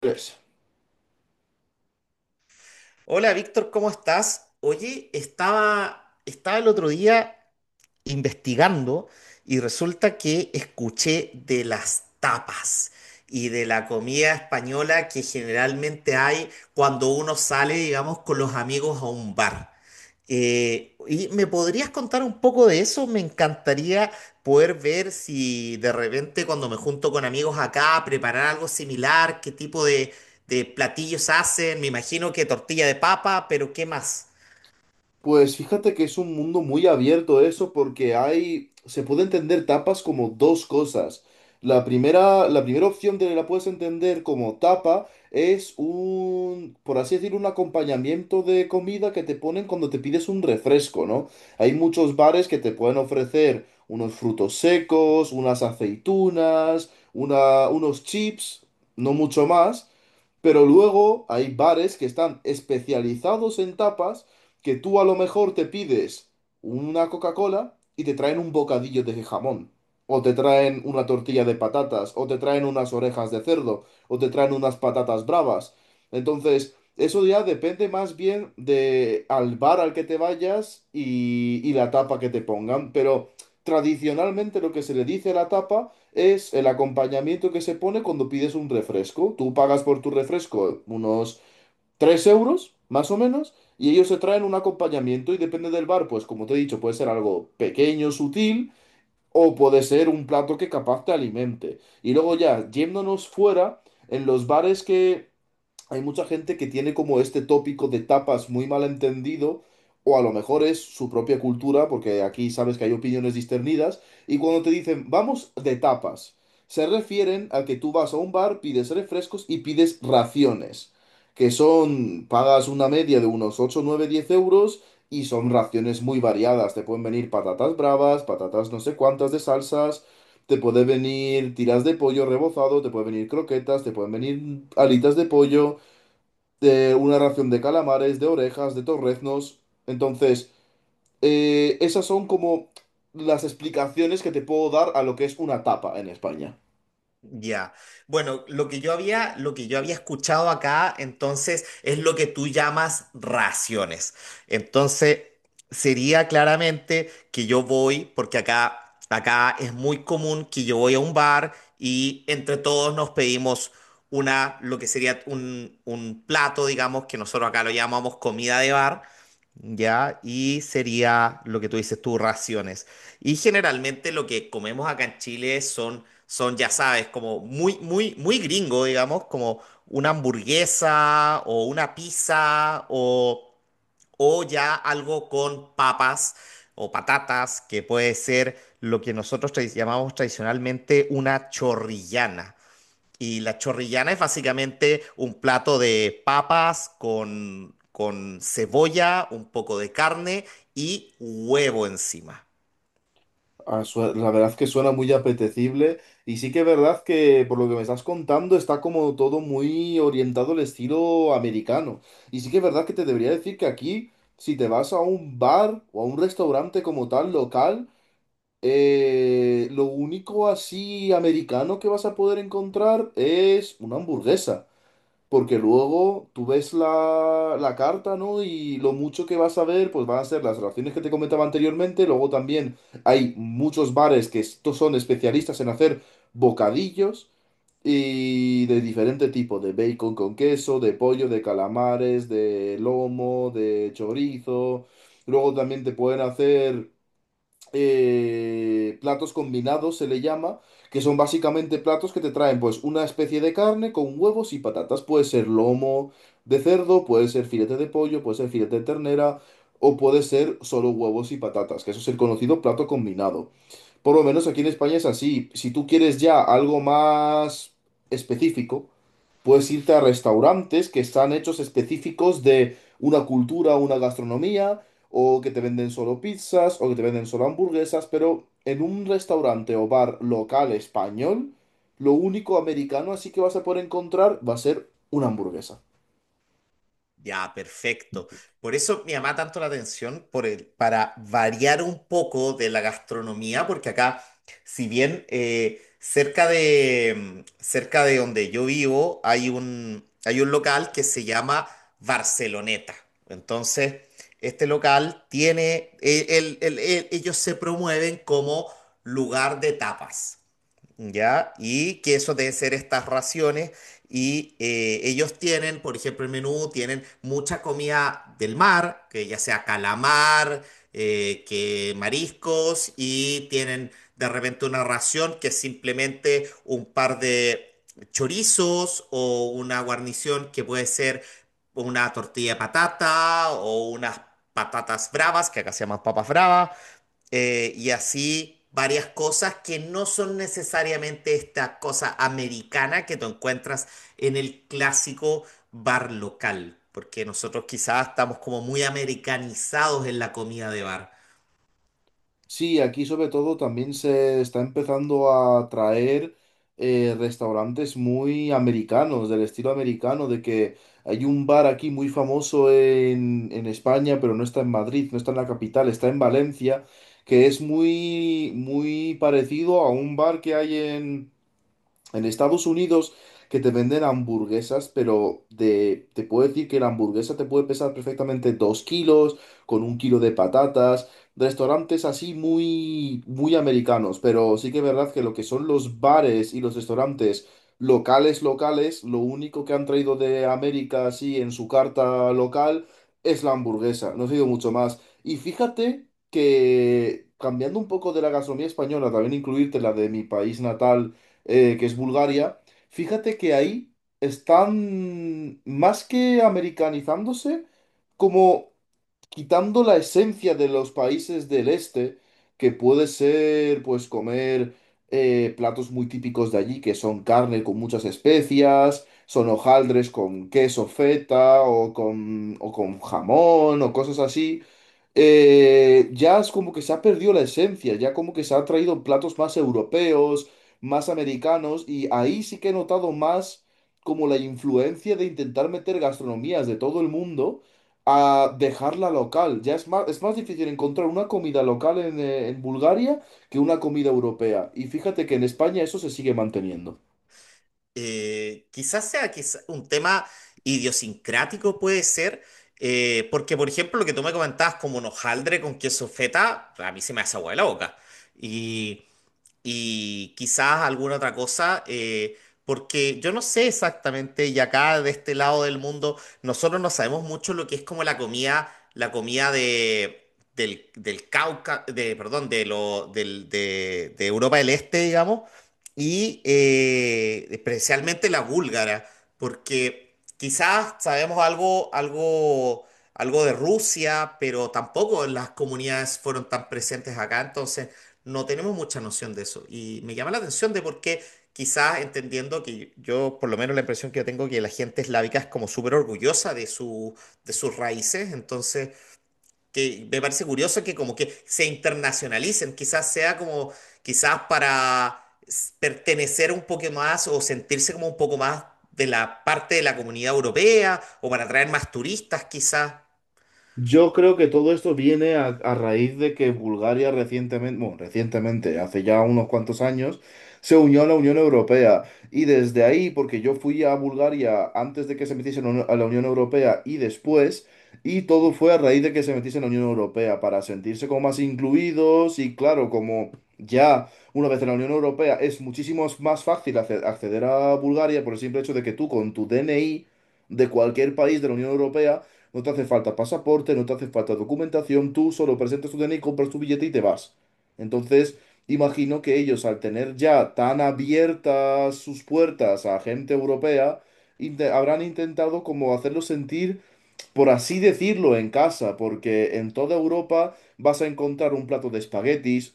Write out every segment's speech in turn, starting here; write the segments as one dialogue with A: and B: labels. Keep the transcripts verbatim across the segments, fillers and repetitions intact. A: Pues,
B: Hola Víctor, ¿cómo estás? Oye, estaba, estaba el otro día investigando y resulta que escuché de las tapas y de la comida española que generalmente hay cuando uno sale, digamos, con los amigos a un bar. Eh, ¿y me podrías contar un poco de eso? Me encantaría poder ver si de repente cuando me junto con amigos acá preparar algo similar, qué tipo de, de platillos hacen. Me imagino que tortilla de papa, pero ¿qué más?
A: pues fíjate que es un mundo muy abierto eso porque hay, se puede entender tapas como dos cosas. La primera, la primera opción de la puedes entender como tapa es un, por así decir, un acompañamiento de comida que te ponen cuando te pides un refresco, ¿no? Hay muchos bares que te pueden ofrecer unos frutos secos, unas aceitunas, una, unos chips, no mucho más. Pero luego hay bares que están especializados en tapas, que tú a lo mejor te pides una Coca-Cola y te traen un bocadillo de jamón, o te traen una tortilla de patatas, o te traen unas orejas de cerdo, o te traen unas patatas bravas. Entonces, eso ya depende más bien de al bar al que te vayas y, y la tapa que te pongan, pero tradicionalmente lo que se le dice a la tapa es el acompañamiento que se pone cuando pides un refresco. Tú pagas por tu refresco unos tres euros, más o menos, y ellos se traen un acompañamiento y depende del bar, pues como te he dicho, puede ser algo pequeño, sutil, o puede ser un plato que capaz te alimente. Y luego ya, yéndonos fuera, en los bares que hay mucha gente que tiene como este tópico de tapas muy mal entendido, o a lo mejor es su propia cultura, porque aquí sabes que hay opiniones discernidas, y cuando te dicen vamos de tapas, se refieren a que tú vas a un bar, pides refrescos y pides raciones, que son, pagas una media de unos ocho nueve diez euros. Y son raciones muy variadas. Te pueden venir patatas bravas, patatas no sé cuántas de salsas, te puede venir tiras de pollo rebozado, te pueden venir croquetas, te pueden venir alitas de pollo, de una ración de calamares, de orejas, de torreznos. Entonces, eh, esas son como las explicaciones que te puedo dar a lo que es una tapa en España.
B: Ya. Bueno, lo que yo había, lo que yo había escuchado acá, entonces, es lo que tú llamas raciones. Entonces, sería claramente que yo voy, porque acá, acá es muy común que yo voy a un bar y entre todos nos pedimos una, lo que sería un, un plato, digamos, que nosotros acá lo llamamos comida de bar, ¿ya? Y sería lo que tú dices tú, raciones. Y generalmente lo que comemos acá en Chile son, son, ya sabes, como muy, muy, muy gringo, digamos, como una hamburguesa o una pizza o, o ya algo con papas o patatas, que puede ser lo que nosotros tra- llamamos tradicionalmente una chorrillana. Y la chorrillana es básicamente un plato de papas con, con cebolla, un poco de carne y huevo encima.
A: Ah, su- La verdad que suena muy apetecible y sí que es verdad que por lo que me estás contando está como todo muy orientado al estilo americano. Y sí que es verdad que te debería decir que aquí, si te vas a un bar o a un restaurante como tal local, Eh, lo único así americano que vas a poder encontrar es una hamburguesa, porque luego tú ves la, la carta, ¿no? Y lo mucho que vas a ver, pues van a ser las raciones que te comentaba anteriormente. Luego también hay muchos bares que estos son especialistas en hacer bocadillos y de diferente tipo, de bacon con queso, de pollo, de calamares, de lomo, de chorizo. Luego también te pueden hacer eh, platos combinados se le llama, que son básicamente platos que te traen pues una especie de carne con huevos y patatas. Puede ser lomo de cerdo, puede ser filete de pollo, puede ser filete de ternera o puede ser solo huevos y patatas, que eso es el conocido plato combinado. Por lo menos aquí en España es así. Si tú quieres ya algo más específico, puedes irte a restaurantes que están hechos específicos de una cultura, una gastronomía, o que te venden solo pizzas, o que te venden solo hamburguesas, pero en un restaurante o bar local español, lo único americano así que vas a poder encontrar va a ser una hamburguesa.
B: Ya, perfecto. Por eso me llama tanto la atención por el- para variar un poco de la gastronomía, porque acá, si bien eh, cerca de, mm, cerca de donde yo vivo hay un, hay un local que se llama Barceloneta. Entonces, este local tiene, eh, el- el- el- ellos se promueven como lugar de tapas. ¿Ya? Y que eso deben ser estas raciones. Y eh, ellos tienen, por ejemplo, el menú, tienen mucha comida del mar, que ya sea calamar, eh, que mariscos, y tienen de repente una ración que es simplemente un par de chorizos o una guarnición que puede ser una tortilla de patata o unas patatas bravas, que acá se llaman papas bravas, eh, y así varias cosas que no son necesariamente esta cosa americana que tú encuentras en el clásico bar local, porque nosotros quizás estamos como muy americanizados en la comida de bar.
A: Sí, aquí sobre todo también se está empezando a traer eh, restaurantes muy americanos, del estilo americano. De que hay un bar aquí muy famoso en, en España, pero no está en Madrid, no está en la capital, está en Valencia, que es muy, muy parecido a un bar que hay en... En Estados Unidos que te venden hamburguesas, pero de, te puedo decir que la hamburguesa te puede pesar perfectamente dos kilos, con un kilo de patatas, restaurantes así muy, muy americanos, pero sí que es verdad que lo que son los bares y los restaurantes locales, locales, lo único que han traído de América así en su carta local es la hamburguesa, no ha sido mucho más. Y fíjate que cambiando un poco de la gastronomía española, también incluirte la de mi país natal, eh, que es Bulgaria, fíjate que ahí están más que americanizándose, como quitando la esencia de los países del este, que puede ser, pues, comer eh, platos muy típicos de allí, que son carne con muchas especias, son hojaldres con queso feta o con, o con jamón o cosas así. Eh, ya es como que se ha perdido la esencia, ya como que se han traído platos más europeos, más americanos, y ahí sí que he notado más como la influencia de intentar meter gastronomías de todo el mundo a dejarla local. Ya es más, es más difícil encontrar una comida local en, eh, en Bulgaria que una comida europea. Y fíjate que en España eso se sigue manteniendo.
B: Eh, quizás sea quizá- un tema idiosincrático, puede ser, eh, porque por ejemplo lo que tú me comentabas como un hojaldre con queso feta, a mí se me hace agua de la boca. y y quizás alguna otra cosa, eh, porque yo no sé exactamente, y acá de este lado del mundo, nosotros no sabemos mucho lo que es como la comida, la comida de, del, del Cauca, de, perdón, de, lo, del, de, de Europa del Este, digamos, y eh, especialmente la búlgara, porque quizás sabemos algo, algo... Algo de Rusia, pero tampoco las comunidades fueron tan presentes acá, entonces no tenemos mucha noción de eso. Y me llama la atención de por qué, quizás entendiendo que yo, por lo menos la impresión que yo tengo, que la gente eslávica es como súper orgullosa de su, de sus raíces, entonces que me parece curioso que como que se internacionalicen, quizás sea como, quizás para s- pertenecer un poco más o sentirse como un poco más de la parte de la comunidad europea o para atraer más turistas, quizás.
A: Yo creo que todo esto viene a, a raíz de que Bulgaria recientemente, bueno, recientemente, hace ya unos cuantos años, se unió a la Unión Europea. Y desde ahí, porque yo fui a Bulgaria antes de que se metiese en la Uni- a la Unión Europea y después, y todo fue a raíz de que se metiese en la Unión Europea, para sentirse como más incluidos y claro, como ya una vez en la Unión Europea es muchísimo más fácil acce- acceder a Bulgaria por el simple hecho de que tú con tu D N I de cualquier país de la Unión Europea, no te hace falta pasaporte, no te hace falta documentación, tú solo presentas tu D N I, compras tu billete y te vas. Entonces, imagino que ellos, al tener ya tan abiertas sus puertas a gente europea, inte- habrán intentado como hacerlo sentir, por así decirlo, en casa, porque en toda Europa vas a encontrar un plato de espaguetis,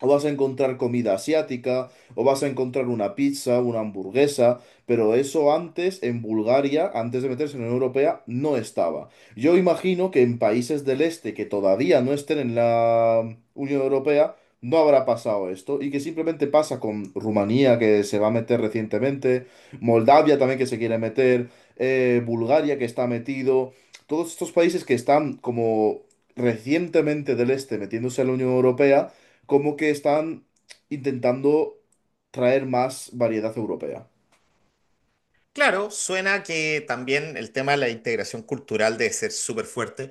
A: o vas a encontrar comida asiática, o vas a encontrar una pizza, una hamburguesa, pero eso antes en Bulgaria, antes de meterse en la Unión Europea, no estaba. Yo imagino que en países del este que todavía no estén en la Unión Europea, no habrá pasado esto, y que simplemente pasa con Rumanía, que se va a meter recientemente, Moldavia también que se quiere meter, eh, Bulgaria que está metido, todos estos países que están como recientemente del este metiéndose a la Unión Europea como que están intentando traer más variedad europea.
B: Claro, suena que también el tema de la integración cultural debe ser súper fuerte.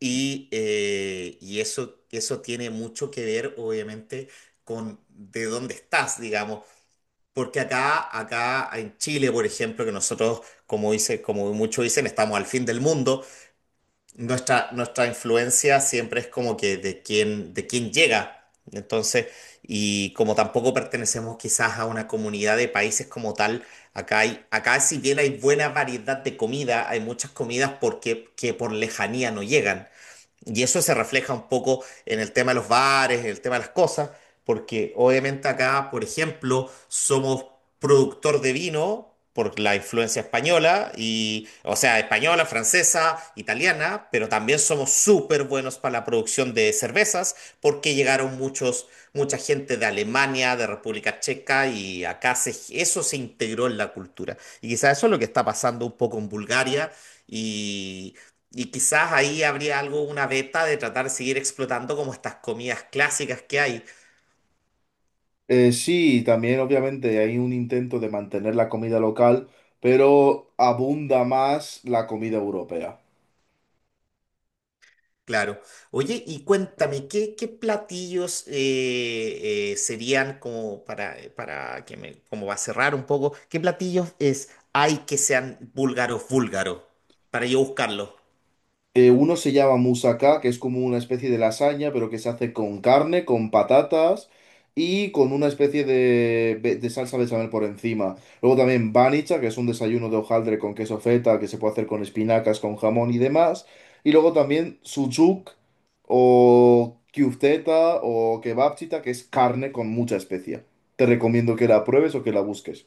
B: Y, eh, y eso, eso tiene mucho que ver, obviamente, con de dónde estás, digamos. Porque acá, acá en Chile, por ejemplo, que nosotros, como dice, como muchos dicen, estamos al fin del mundo, nuestra, nuestra influencia siempre es como que de quién, de quién llega. Entonces, y como tampoco pertenecemos quizás a una comunidad de países como tal, acá hay, acá si bien hay buena variedad de comida, hay muchas comidas porque, que por lejanía no llegan. Y eso se refleja un poco en el tema de los bares, en el tema de las cosas, porque obviamente acá, por ejemplo, somos productor de vino por la influencia española, y, o sea, española, francesa, italiana, pero también somos súper buenos para la producción de cervezas, porque llegaron muchos, mucha gente de Alemania, de República Checa, y acá se, eso se integró en la cultura. Y quizás eso es lo que está pasando un poco en Bulgaria. Y quizás ahí habría algo, una beta de tratar de seguir explotando como estas comidas clásicas que hay.
A: Eh, sí, también obviamente hay un intento de mantener la comida local, pero abunda más la comida europea.
B: Claro. Oye, y cuéntame, ¿qué, qué platillos eh, eh, serían como para, para que me, como va a cerrar un poco, qué platillos es, hay que sean búlgaros, búlgaros, para yo buscarlos?
A: Eh, uno se llama moussaka, que es como una especie de lasaña, pero que se hace con carne, con patatas y con una especie de, be- de salsa bechamel por encima. Luego también banicha, que es un desayuno de hojaldre con queso feta, que se puede hacer con espinacas, con jamón y demás. Y luego también sucuk o kyufteta o kebabchita, que es carne con mucha especia. Te recomiendo que la pruebes o que la busques.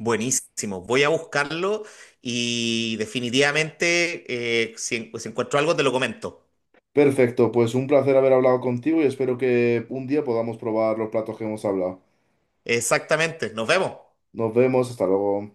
B: Buenísimo, voy a buscarlo y definitivamente eh, si, en- si encuentro algo te lo comento.
A: Perfecto, pues un placer haber hablado contigo y espero que un día podamos probar los platos que hemos hablado.
B: Exactamente, nos vemos.
A: Nos vemos, hasta luego.